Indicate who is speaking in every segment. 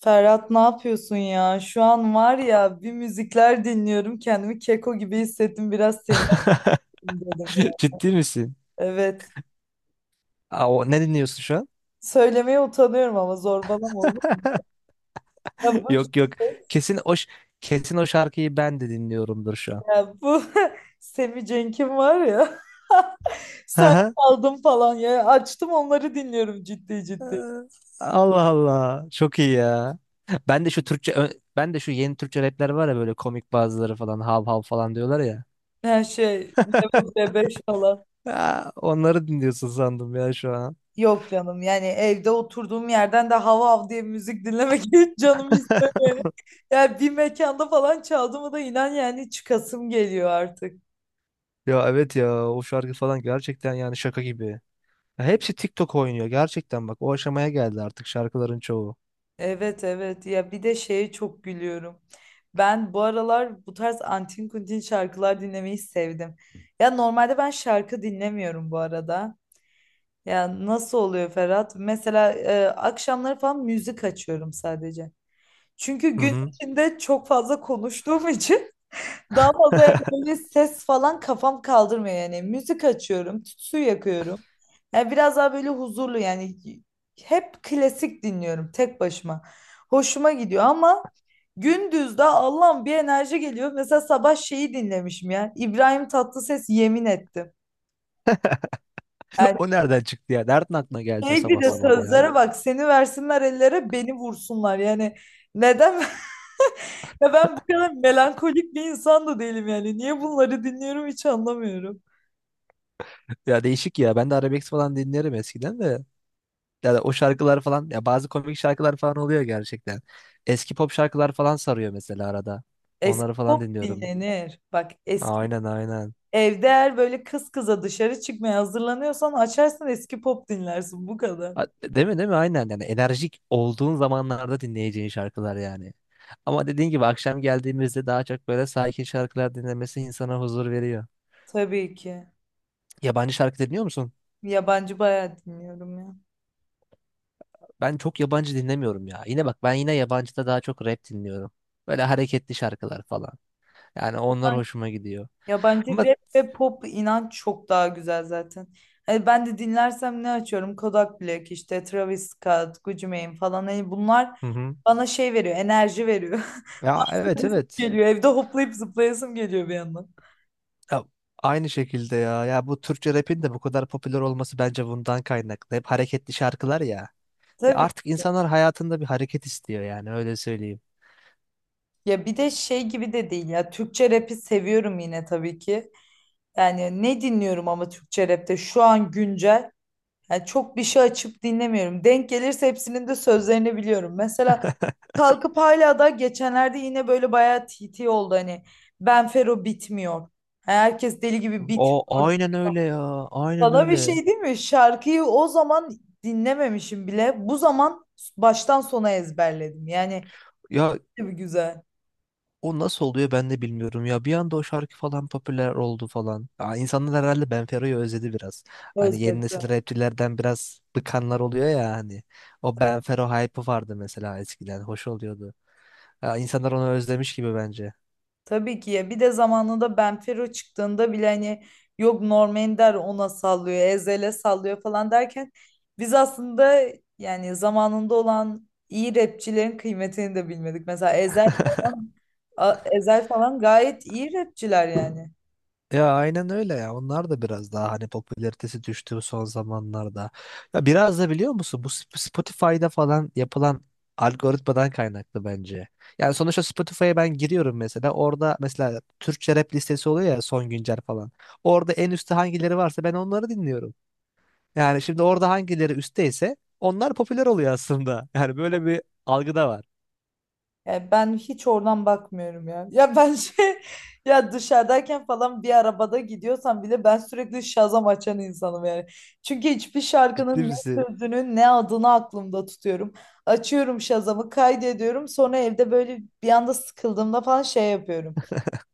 Speaker 1: Ferhat ne yapıyorsun ya? Şu an var ya bir müzikler dinliyorum. Kendimi keko gibi hissettim. Biraz seni arayayım dedim ya.
Speaker 2: Ciddi misin?
Speaker 1: Evet.
Speaker 2: Aa, ne dinliyorsun şu an?
Speaker 1: Söylemeye utanıyorum ama zorbalama olur mu? Ya bu işte,
Speaker 2: Yok yok. Kesin o ş- kesin o şarkıyı ben de dinliyorumdur şu an.
Speaker 1: ya bu Semih Cenk'in var ya.
Speaker 2: Hı
Speaker 1: Sen
Speaker 2: hı.
Speaker 1: aldın falan ya. Açtım onları dinliyorum ciddi
Speaker 2: Ee,
Speaker 1: ciddi.
Speaker 2: Allah Allah. Çok iyi ya. Ben de şu Türkçe ö- ben de şu yeni Türkçe rapler var ya, böyle komik bazıları falan hav hav falan diyorlar ya.
Speaker 1: Her şey Level C5 falan.
Speaker 2: Aa, onları dinliyorsun sandım ya şu an.
Speaker 1: Yok canım, yani evde oturduğum yerden de hav hav diye müzik dinlemek hiç canım istemiyor. Yani bir mekanda falan çaldı mı da inan yani çıkasım geliyor artık.
Speaker 2: Ya evet ya, o şarkı falan gerçekten yani şaka gibi. Ya hepsi TikTok oynuyor gerçekten, bak o aşamaya geldi artık şarkıların çoğu.
Speaker 1: Evet evet, ya bir de şeye çok gülüyorum. Ben bu aralar bu tarz antin kuntin şarkılar dinlemeyi sevdim. Ya normalde ben şarkı dinlemiyorum bu arada. Ya nasıl oluyor Ferhat? Mesela akşamları falan müzik açıyorum sadece. Çünkü
Speaker 2: Hı
Speaker 1: gün
Speaker 2: hı.
Speaker 1: içinde çok fazla konuştuğum için daha fazla yani böyle ses falan kafam kaldırmıyor yani. Müzik açıyorum, tütsü yakıyorum. Yani biraz daha böyle huzurlu yani hep klasik dinliyorum tek başıma. Hoşuma gidiyor ama gündüz de Allah'ım bir enerji geliyor. Mesela sabah şeyi dinlemişim ya. İbrahim Tatlıses yemin etti. Yani
Speaker 2: O nereden çıktı ya? Nereden aklına geldi o
Speaker 1: sürekli
Speaker 2: sabah
Speaker 1: de
Speaker 2: sabah ya?
Speaker 1: sözlere bak, seni versinler ellere beni vursunlar. Yani neden? Ya ben bu kadar melankolik bir insan da değilim yani. Niye bunları dinliyorum hiç anlamıyorum.
Speaker 2: Ya değişik ya. Ben de arabesk falan dinlerim eskiden de. Yani o şarkılar falan ya, bazı komik şarkılar falan oluyor gerçekten. Eski pop şarkılar falan sarıyor mesela arada.
Speaker 1: Eski
Speaker 2: Onları falan
Speaker 1: pop
Speaker 2: dinliyorum.
Speaker 1: dinlenir. Bak eski
Speaker 2: Aynen aynen.
Speaker 1: evde eğer böyle kız kıza dışarı çıkmaya hazırlanıyorsan açarsın eski pop dinlersin bu kadar.
Speaker 2: Ha, değil mi değil mi? Aynen, yani enerjik olduğun zamanlarda dinleyeceğin şarkılar yani. Ama dediğin gibi akşam geldiğimizde daha çok böyle sakin şarkılar dinlemesi insana huzur veriyor.
Speaker 1: Tabii ki.
Speaker 2: Yabancı şarkı dinliyor musun?
Speaker 1: Yabancı bayağı dinliyorum ya.
Speaker 2: Ben çok yabancı dinlemiyorum ya. Yine bak, ben yine yabancıda daha çok rap dinliyorum. Böyle hareketli şarkılar falan. Yani onlar hoşuma gidiyor.
Speaker 1: Yabancı
Speaker 2: Ama
Speaker 1: rap ve pop inan çok daha güzel zaten. Hani ben de dinlersem ne açıyorum? Kodak Black işte Travis Scott, Gucci Mane falan. Hani bunlar
Speaker 2: hı hı.
Speaker 1: bana şey veriyor, enerji veriyor.
Speaker 2: Ya evet evet.
Speaker 1: Geliyor evde hoplayıp zıplayasım geliyor bir yandan.
Speaker 2: Ya, aynı şekilde ya. Ya bu Türkçe rap'in de bu kadar popüler olması bence bundan kaynaklı. Hep hareketli şarkılar ya. Ya
Speaker 1: Tabii.
Speaker 2: artık insanlar hayatında bir hareket istiyor, yani öyle söyleyeyim.
Speaker 1: Ya bir de şey gibi de değil ya. Türkçe rap'i seviyorum yine tabii ki. Yani ne dinliyorum ama Türkçe rapte şu an güncel. Yani çok bir şey açıp dinlemiyorum. Denk gelirse hepsinin de sözlerini biliyorum. Mesela kalkıp hala da geçenlerde yine böyle bayağı TT oldu hani. Benfero bitmiyor. Yani herkes deli gibi
Speaker 2: O
Speaker 1: bitmiyor.
Speaker 2: aynen öyle ya. Aynen
Speaker 1: Sana bir
Speaker 2: öyle.
Speaker 1: şey değil mi? Şarkıyı o zaman dinlememişim bile. Bu zaman baştan sona ezberledim. Yani
Speaker 2: Ya
Speaker 1: ne bir güzel.
Speaker 2: o nasıl oluyor ben de bilmiyorum ya. Bir anda o şarkı falan popüler oldu falan. Aa, insanlar herhalde Benfero'yu özledi biraz. Hani yeni
Speaker 1: Özledim.
Speaker 2: nesil rapçilerden biraz bıkanlar oluyor ya hani. O Benfero hype'ı vardı mesela eskiden. Hoş oluyordu. Ya, insanlar onu özlemiş gibi bence.
Speaker 1: Tabii ki, ya bir de zamanında Benfero çıktığında bile hani yok Norm Ender ona sallıyor, Ezhel'e sallıyor falan derken biz aslında yani zamanında olan iyi rapçilerin kıymetini de bilmedik. Mesela Ezhel falan, Ezhel falan gayet iyi rapçiler yani.
Speaker 2: Ya aynen öyle ya. Onlar da biraz daha hani popülaritesi düştü son zamanlarda. Ya biraz da biliyor musun, bu Spotify'da falan yapılan algoritmadan kaynaklı bence. Yani sonuçta Spotify'a ben giriyorum mesela. Orada mesela Türkçe rap listesi oluyor ya, son güncel falan. Orada en üstte hangileri varsa ben onları dinliyorum. Yani şimdi orada hangileri üstteyse onlar popüler oluyor aslında. Yani böyle bir algı da var.
Speaker 1: Yani ben hiç oradan bakmıyorum ya. Ya ben şey ya dışarıdayken falan bir arabada gidiyorsam bile ben sürekli Shazam açan insanım yani. Çünkü hiçbir
Speaker 2: Ciddi
Speaker 1: şarkının ne
Speaker 2: misin?
Speaker 1: sözünü ne adını aklımda tutuyorum. Açıyorum Shazam'ı kaydediyorum. Sonra evde böyle bir anda sıkıldığımda falan şey yapıyorum.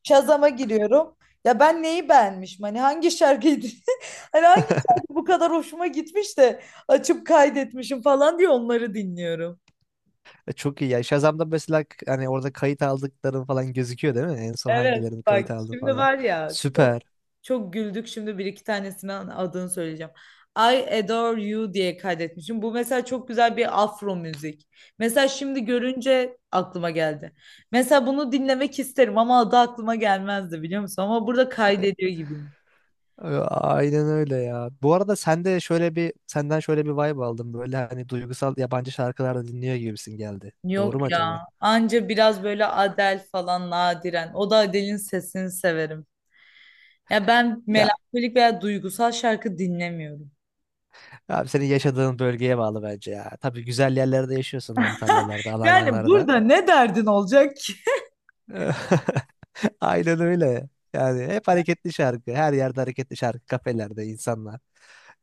Speaker 1: Shazam'a giriyorum. Ya ben neyi beğenmişim? Hani hangi şarkıydı? Hani hangi şarkı bu kadar hoşuma gitmiş de açıp kaydetmişim falan diye onları dinliyorum.
Speaker 2: Çok iyi ya. Shazam'da mesela hani orada kayıt aldıkların falan gözüküyor değil mi? En son
Speaker 1: Evet
Speaker 2: hangilerini kayıt
Speaker 1: bak
Speaker 2: aldı
Speaker 1: şimdi
Speaker 2: falan.
Speaker 1: var ya çok
Speaker 2: Süper.
Speaker 1: çok güldük, şimdi bir iki tanesini adını söyleyeceğim. I Adore You diye kaydetmişim. Bu mesela çok güzel bir afro müzik. Mesela şimdi görünce aklıma geldi. Mesela bunu dinlemek isterim ama adı aklıma gelmezdi biliyor musun? Ama burada kaydediyor gibiyim.
Speaker 2: Aynen öyle ya. Bu arada senden şöyle bir vibe aldım. Böyle hani duygusal yabancı şarkılar da dinliyor gibisin geldi. Doğru mu
Speaker 1: Yok
Speaker 2: acaba?
Speaker 1: ya. Anca biraz böyle Adele falan nadiren. O da Adele'in sesini severim. Ya ben
Speaker 2: Ya
Speaker 1: melankolik veya duygusal şarkı dinlemiyorum.
Speaker 2: abi, senin yaşadığın bölgeye bağlı bence ya. Tabii güzel yerlerde yaşıyorsun, Antalyalarda,
Speaker 1: Yani
Speaker 2: Alanyalarda.
Speaker 1: burada ne derdin olacak.
Speaker 2: Aynen öyle. Yani hep hareketli şarkı. Her yerde hareketli şarkı. Kafelerde insanlar.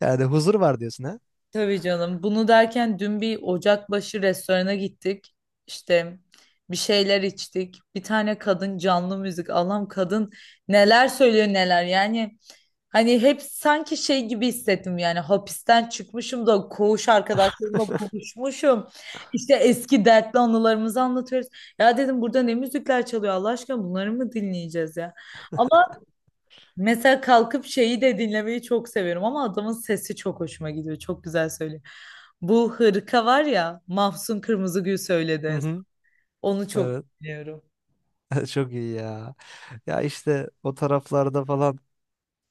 Speaker 2: Yani huzur var diyorsun ha?
Speaker 1: Tabii canım. Bunu derken dün bir Ocakbaşı restorana gittik. İşte bir şeyler içtik. Bir tane kadın canlı müzik. Allah'ım, kadın neler söylüyor neler. Yani hani hep sanki şey gibi hissettim, yani hapisten çıkmışım da koğuş arkadaşlarımla buluşmuşum. İşte eski dertli anılarımızı anlatıyoruz. Ya dedim burada ne müzikler çalıyor Allah aşkına, bunları mı dinleyeceğiz ya? Mesela kalkıp şeyi de dinlemeyi çok seviyorum ama adamın sesi çok hoşuma gidiyor. Çok güzel söylüyor. Bu hırka var ya, Mahsun Kırmızıgül söyledi
Speaker 2: Hı
Speaker 1: en son.
Speaker 2: hı.
Speaker 1: Onu çok
Speaker 2: Evet.
Speaker 1: dinliyorum.
Speaker 2: Çok iyi ya. Ya işte o taraflarda falan,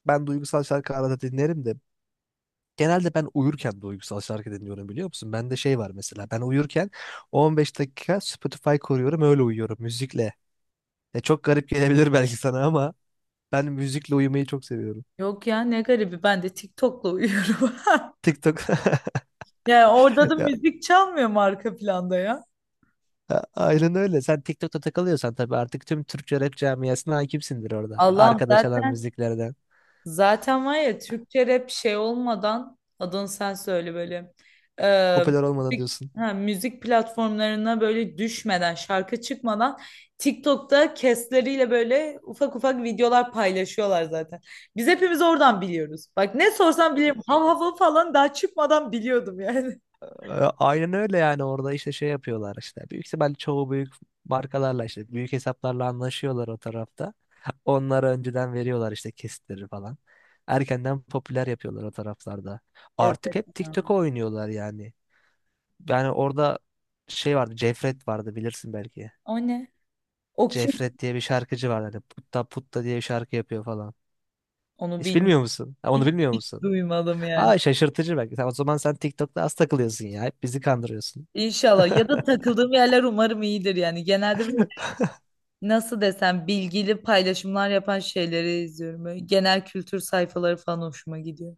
Speaker 2: ben duygusal şarkı arada dinlerim de genelde ben uyurken duygusal şarkı dinliyorum biliyor musun? Bende şey var, mesela ben uyurken 15 dakika Spotify koruyorum, öyle uyuyorum müzikle. Ya çok garip gelebilir belki sana ama ben müzikle uyumayı çok seviyorum.
Speaker 1: Yok ya, ne garibi, ben de TikTok'la uyuyorum.
Speaker 2: TikTok.
Speaker 1: Yani orada da
Speaker 2: Ya,
Speaker 1: müzik çalmıyor mu arka planda ya?
Speaker 2: aynen öyle. Sen TikTok'ta takılıyorsan tabii artık tüm Türkçe rap camiasına hakimsindir orada.
Speaker 1: Allah'ım,
Speaker 2: Arkada çalan
Speaker 1: zaten
Speaker 2: müziklerden.
Speaker 1: Zaten var ya Türkçe rap şey olmadan adını sen söyle böyle. Ee,
Speaker 2: Popüler olmadan
Speaker 1: müzik,
Speaker 2: diyorsun.
Speaker 1: ha, müzik platformlarına böyle düşmeden şarkı çıkmadan TikTok'ta kesleriyle böyle ufak ufak videolar paylaşıyorlar zaten. Biz hepimiz oradan biliyoruz. Bak ne sorsam bilirim. Hav hav falan daha çıkmadan biliyordum yani.
Speaker 2: E, Aynen öyle, yani orada işte şey yapıyorlar işte. Büyük ihtimal çoğu büyük markalarla, işte büyük hesaplarla anlaşıyorlar o tarafta. Onlara önceden veriyorlar işte, kesitleri falan. Erkenden popüler yapıyorlar o taraflarda.
Speaker 1: Evet,
Speaker 2: Artık hep
Speaker 1: ya.
Speaker 2: TikTok'a oynuyorlar yani. Yani orada şey vardı, Cefret vardı, bilirsin belki.
Speaker 1: O ne? O kim?
Speaker 2: Cefret diye bir şarkıcı vardı. Hani putta putta diye bir şarkı yapıyor falan.
Speaker 1: Onu
Speaker 2: Hiç
Speaker 1: bilmiyorum.
Speaker 2: bilmiyor musun? Ha, onu
Speaker 1: Hiç,
Speaker 2: bilmiyor
Speaker 1: hiç
Speaker 2: musun?
Speaker 1: duymadım yani.
Speaker 2: Ha, şaşırtıcı belki. O zaman sen TikTok'ta az takılıyorsun ya. Hep bizi kandırıyorsun.
Speaker 1: İnşallah, ya da takıldığım yerler umarım iyidir, yani genelde böyle nasıl desem bilgili paylaşımlar yapan şeyleri izliyorum, böyle genel kültür sayfaları falan hoşuma gidiyor.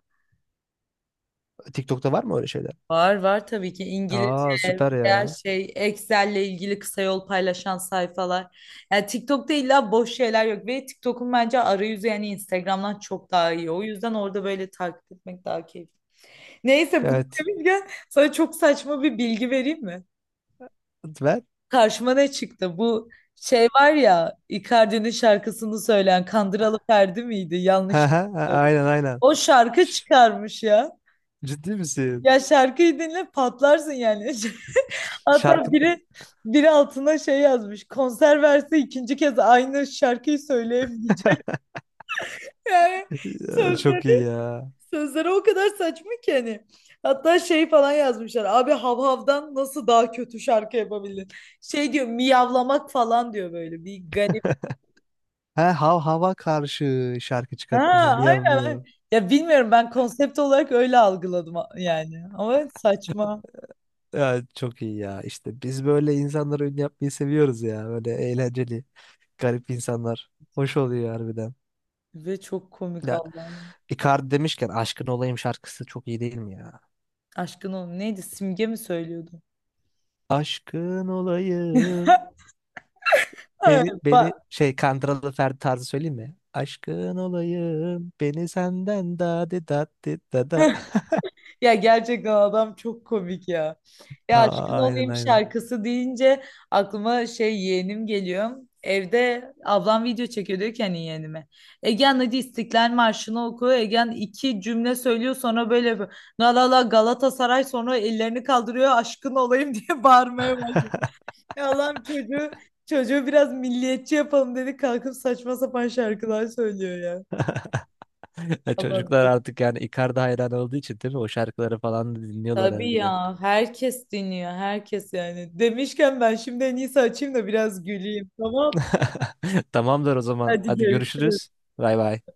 Speaker 2: TikTok'ta var mı öyle şeyler?
Speaker 1: Var var, tabii ki
Speaker 2: Aa,
Speaker 1: İngilizce
Speaker 2: süper
Speaker 1: her
Speaker 2: ya.
Speaker 1: şey Excel'le ilgili kısa yol paylaşan sayfalar. Yani TikTok'ta illa boş şeyler yok ve TikTok'un bence arayüzü yani Instagram'dan çok daha iyi. O yüzden orada böyle takip etmek daha keyifli. Neyse bunu
Speaker 2: Evet.
Speaker 1: demişken sana çok saçma bir bilgi vereyim mi?
Speaker 2: Ver.
Speaker 1: Karşıma ne çıktı? Bu şey var ya, Icardi'nin şarkısını söyleyen Kandıralı Ferdi miydi? Yanlış
Speaker 2: Ha ha ha,
Speaker 1: söyledim.
Speaker 2: aynen aynen.
Speaker 1: O şarkı çıkarmış ya.
Speaker 2: Ciddi misin?
Speaker 1: Ya şarkıyı dinle patlarsın yani. Hatta
Speaker 2: Şarkın
Speaker 1: biri altına şey yazmış. Konser verse ikinci kez aynı şarkıyı söyleyemeyecek. Yani
Speaker 2: çok iyi
Speaker 1: sözleri,
Speaker 2: ya.
Speaker 1: sözleri o kadar saçma ki hani. Hatta şey falan yazmışlar. Abi Havhav'dan nasıl daha kötü şarkı yapabildin? Şey diyor, miyavlamak falan diyor böyle. Bir garip.
Speaker 2: Ha, hav hava karşı şarkı
Speaker 1: Ha,
Speaker 2: çıkartmışım. Miyav
Speaker 1: aynen.
Speaker 2: miyav.
Speaker 1: Aynen. Ya bilmiyorum, ben konsept olarak öyle algıladım yani. Ama saçma
Speaker 2: Ya, çok iyi ya. İşte biz böyle insanlara ün yapmayı seviyoruz ya. Böyle eğlenceli, garip insanlar. Hoş oluyor harbiden.
Speaker 1: ve çok komik
Speaker 2: Ya
Speaker 1: Allah'ım.
Speaker 2: Icardi demişken, aşkın olayım şarkısı çok iyi değil mi ya?
Speaker 1: Aşkın oğlum neydi? Simge mi söylüyordu?
Speaker 2: Aşkın olayım.
Speaker 1: Evet.
Speaker 2: Beni şey, Kandıralı Ferdi tarzı söyleyeyim mi? Aşkın olayım, beni senden, da di da di dadi da.
Speaker 1: Ya gerçekten adam çok komik ya. Ya aşkın
Speaker 2: Aa, aynen
Speaker 1: olayım
Speaker 2: aynen.
Speaker 1: şarkısı deyince aklıma şey yeğenim geliyor. Evde ablam video çekiyor diyor ki hani yeğenime. Egen hadi İstiklal Marşı'nı oku. Egen iki cümle söylüyor sonra böyle yapıyor. La la la Galatasaray, sonra ellerini kaldırıyor aşkın olayım diye bağırmaya başlıyor. Ya Allah'ım çocuğu biraz milliyetçi yapalım dedi, kalkıp saçma sapan şarkılar söylüyor ya.
Speaker 2: Ya
Speaker 1: Allah'ım.
Speaker 2: çocuklar artık, yani Icardi hayran olduğu için değil mi, o şarkıları falan da dinliyorlar
Speaker 1: Tabii
Speaker 2: harbiden.
Speaker 1: ya, herkes dinliyor herkes yani. Demişken ben şimdi en iyisi açayım da biraz güleyim, tamam.
Speaker 2: Tamamdır o zaman.
Speaker 1: Hadi
Speaker 2: Hadi
Speaker 1: görüşürüz.
Speaker 2: görüşürüz. Bay bay.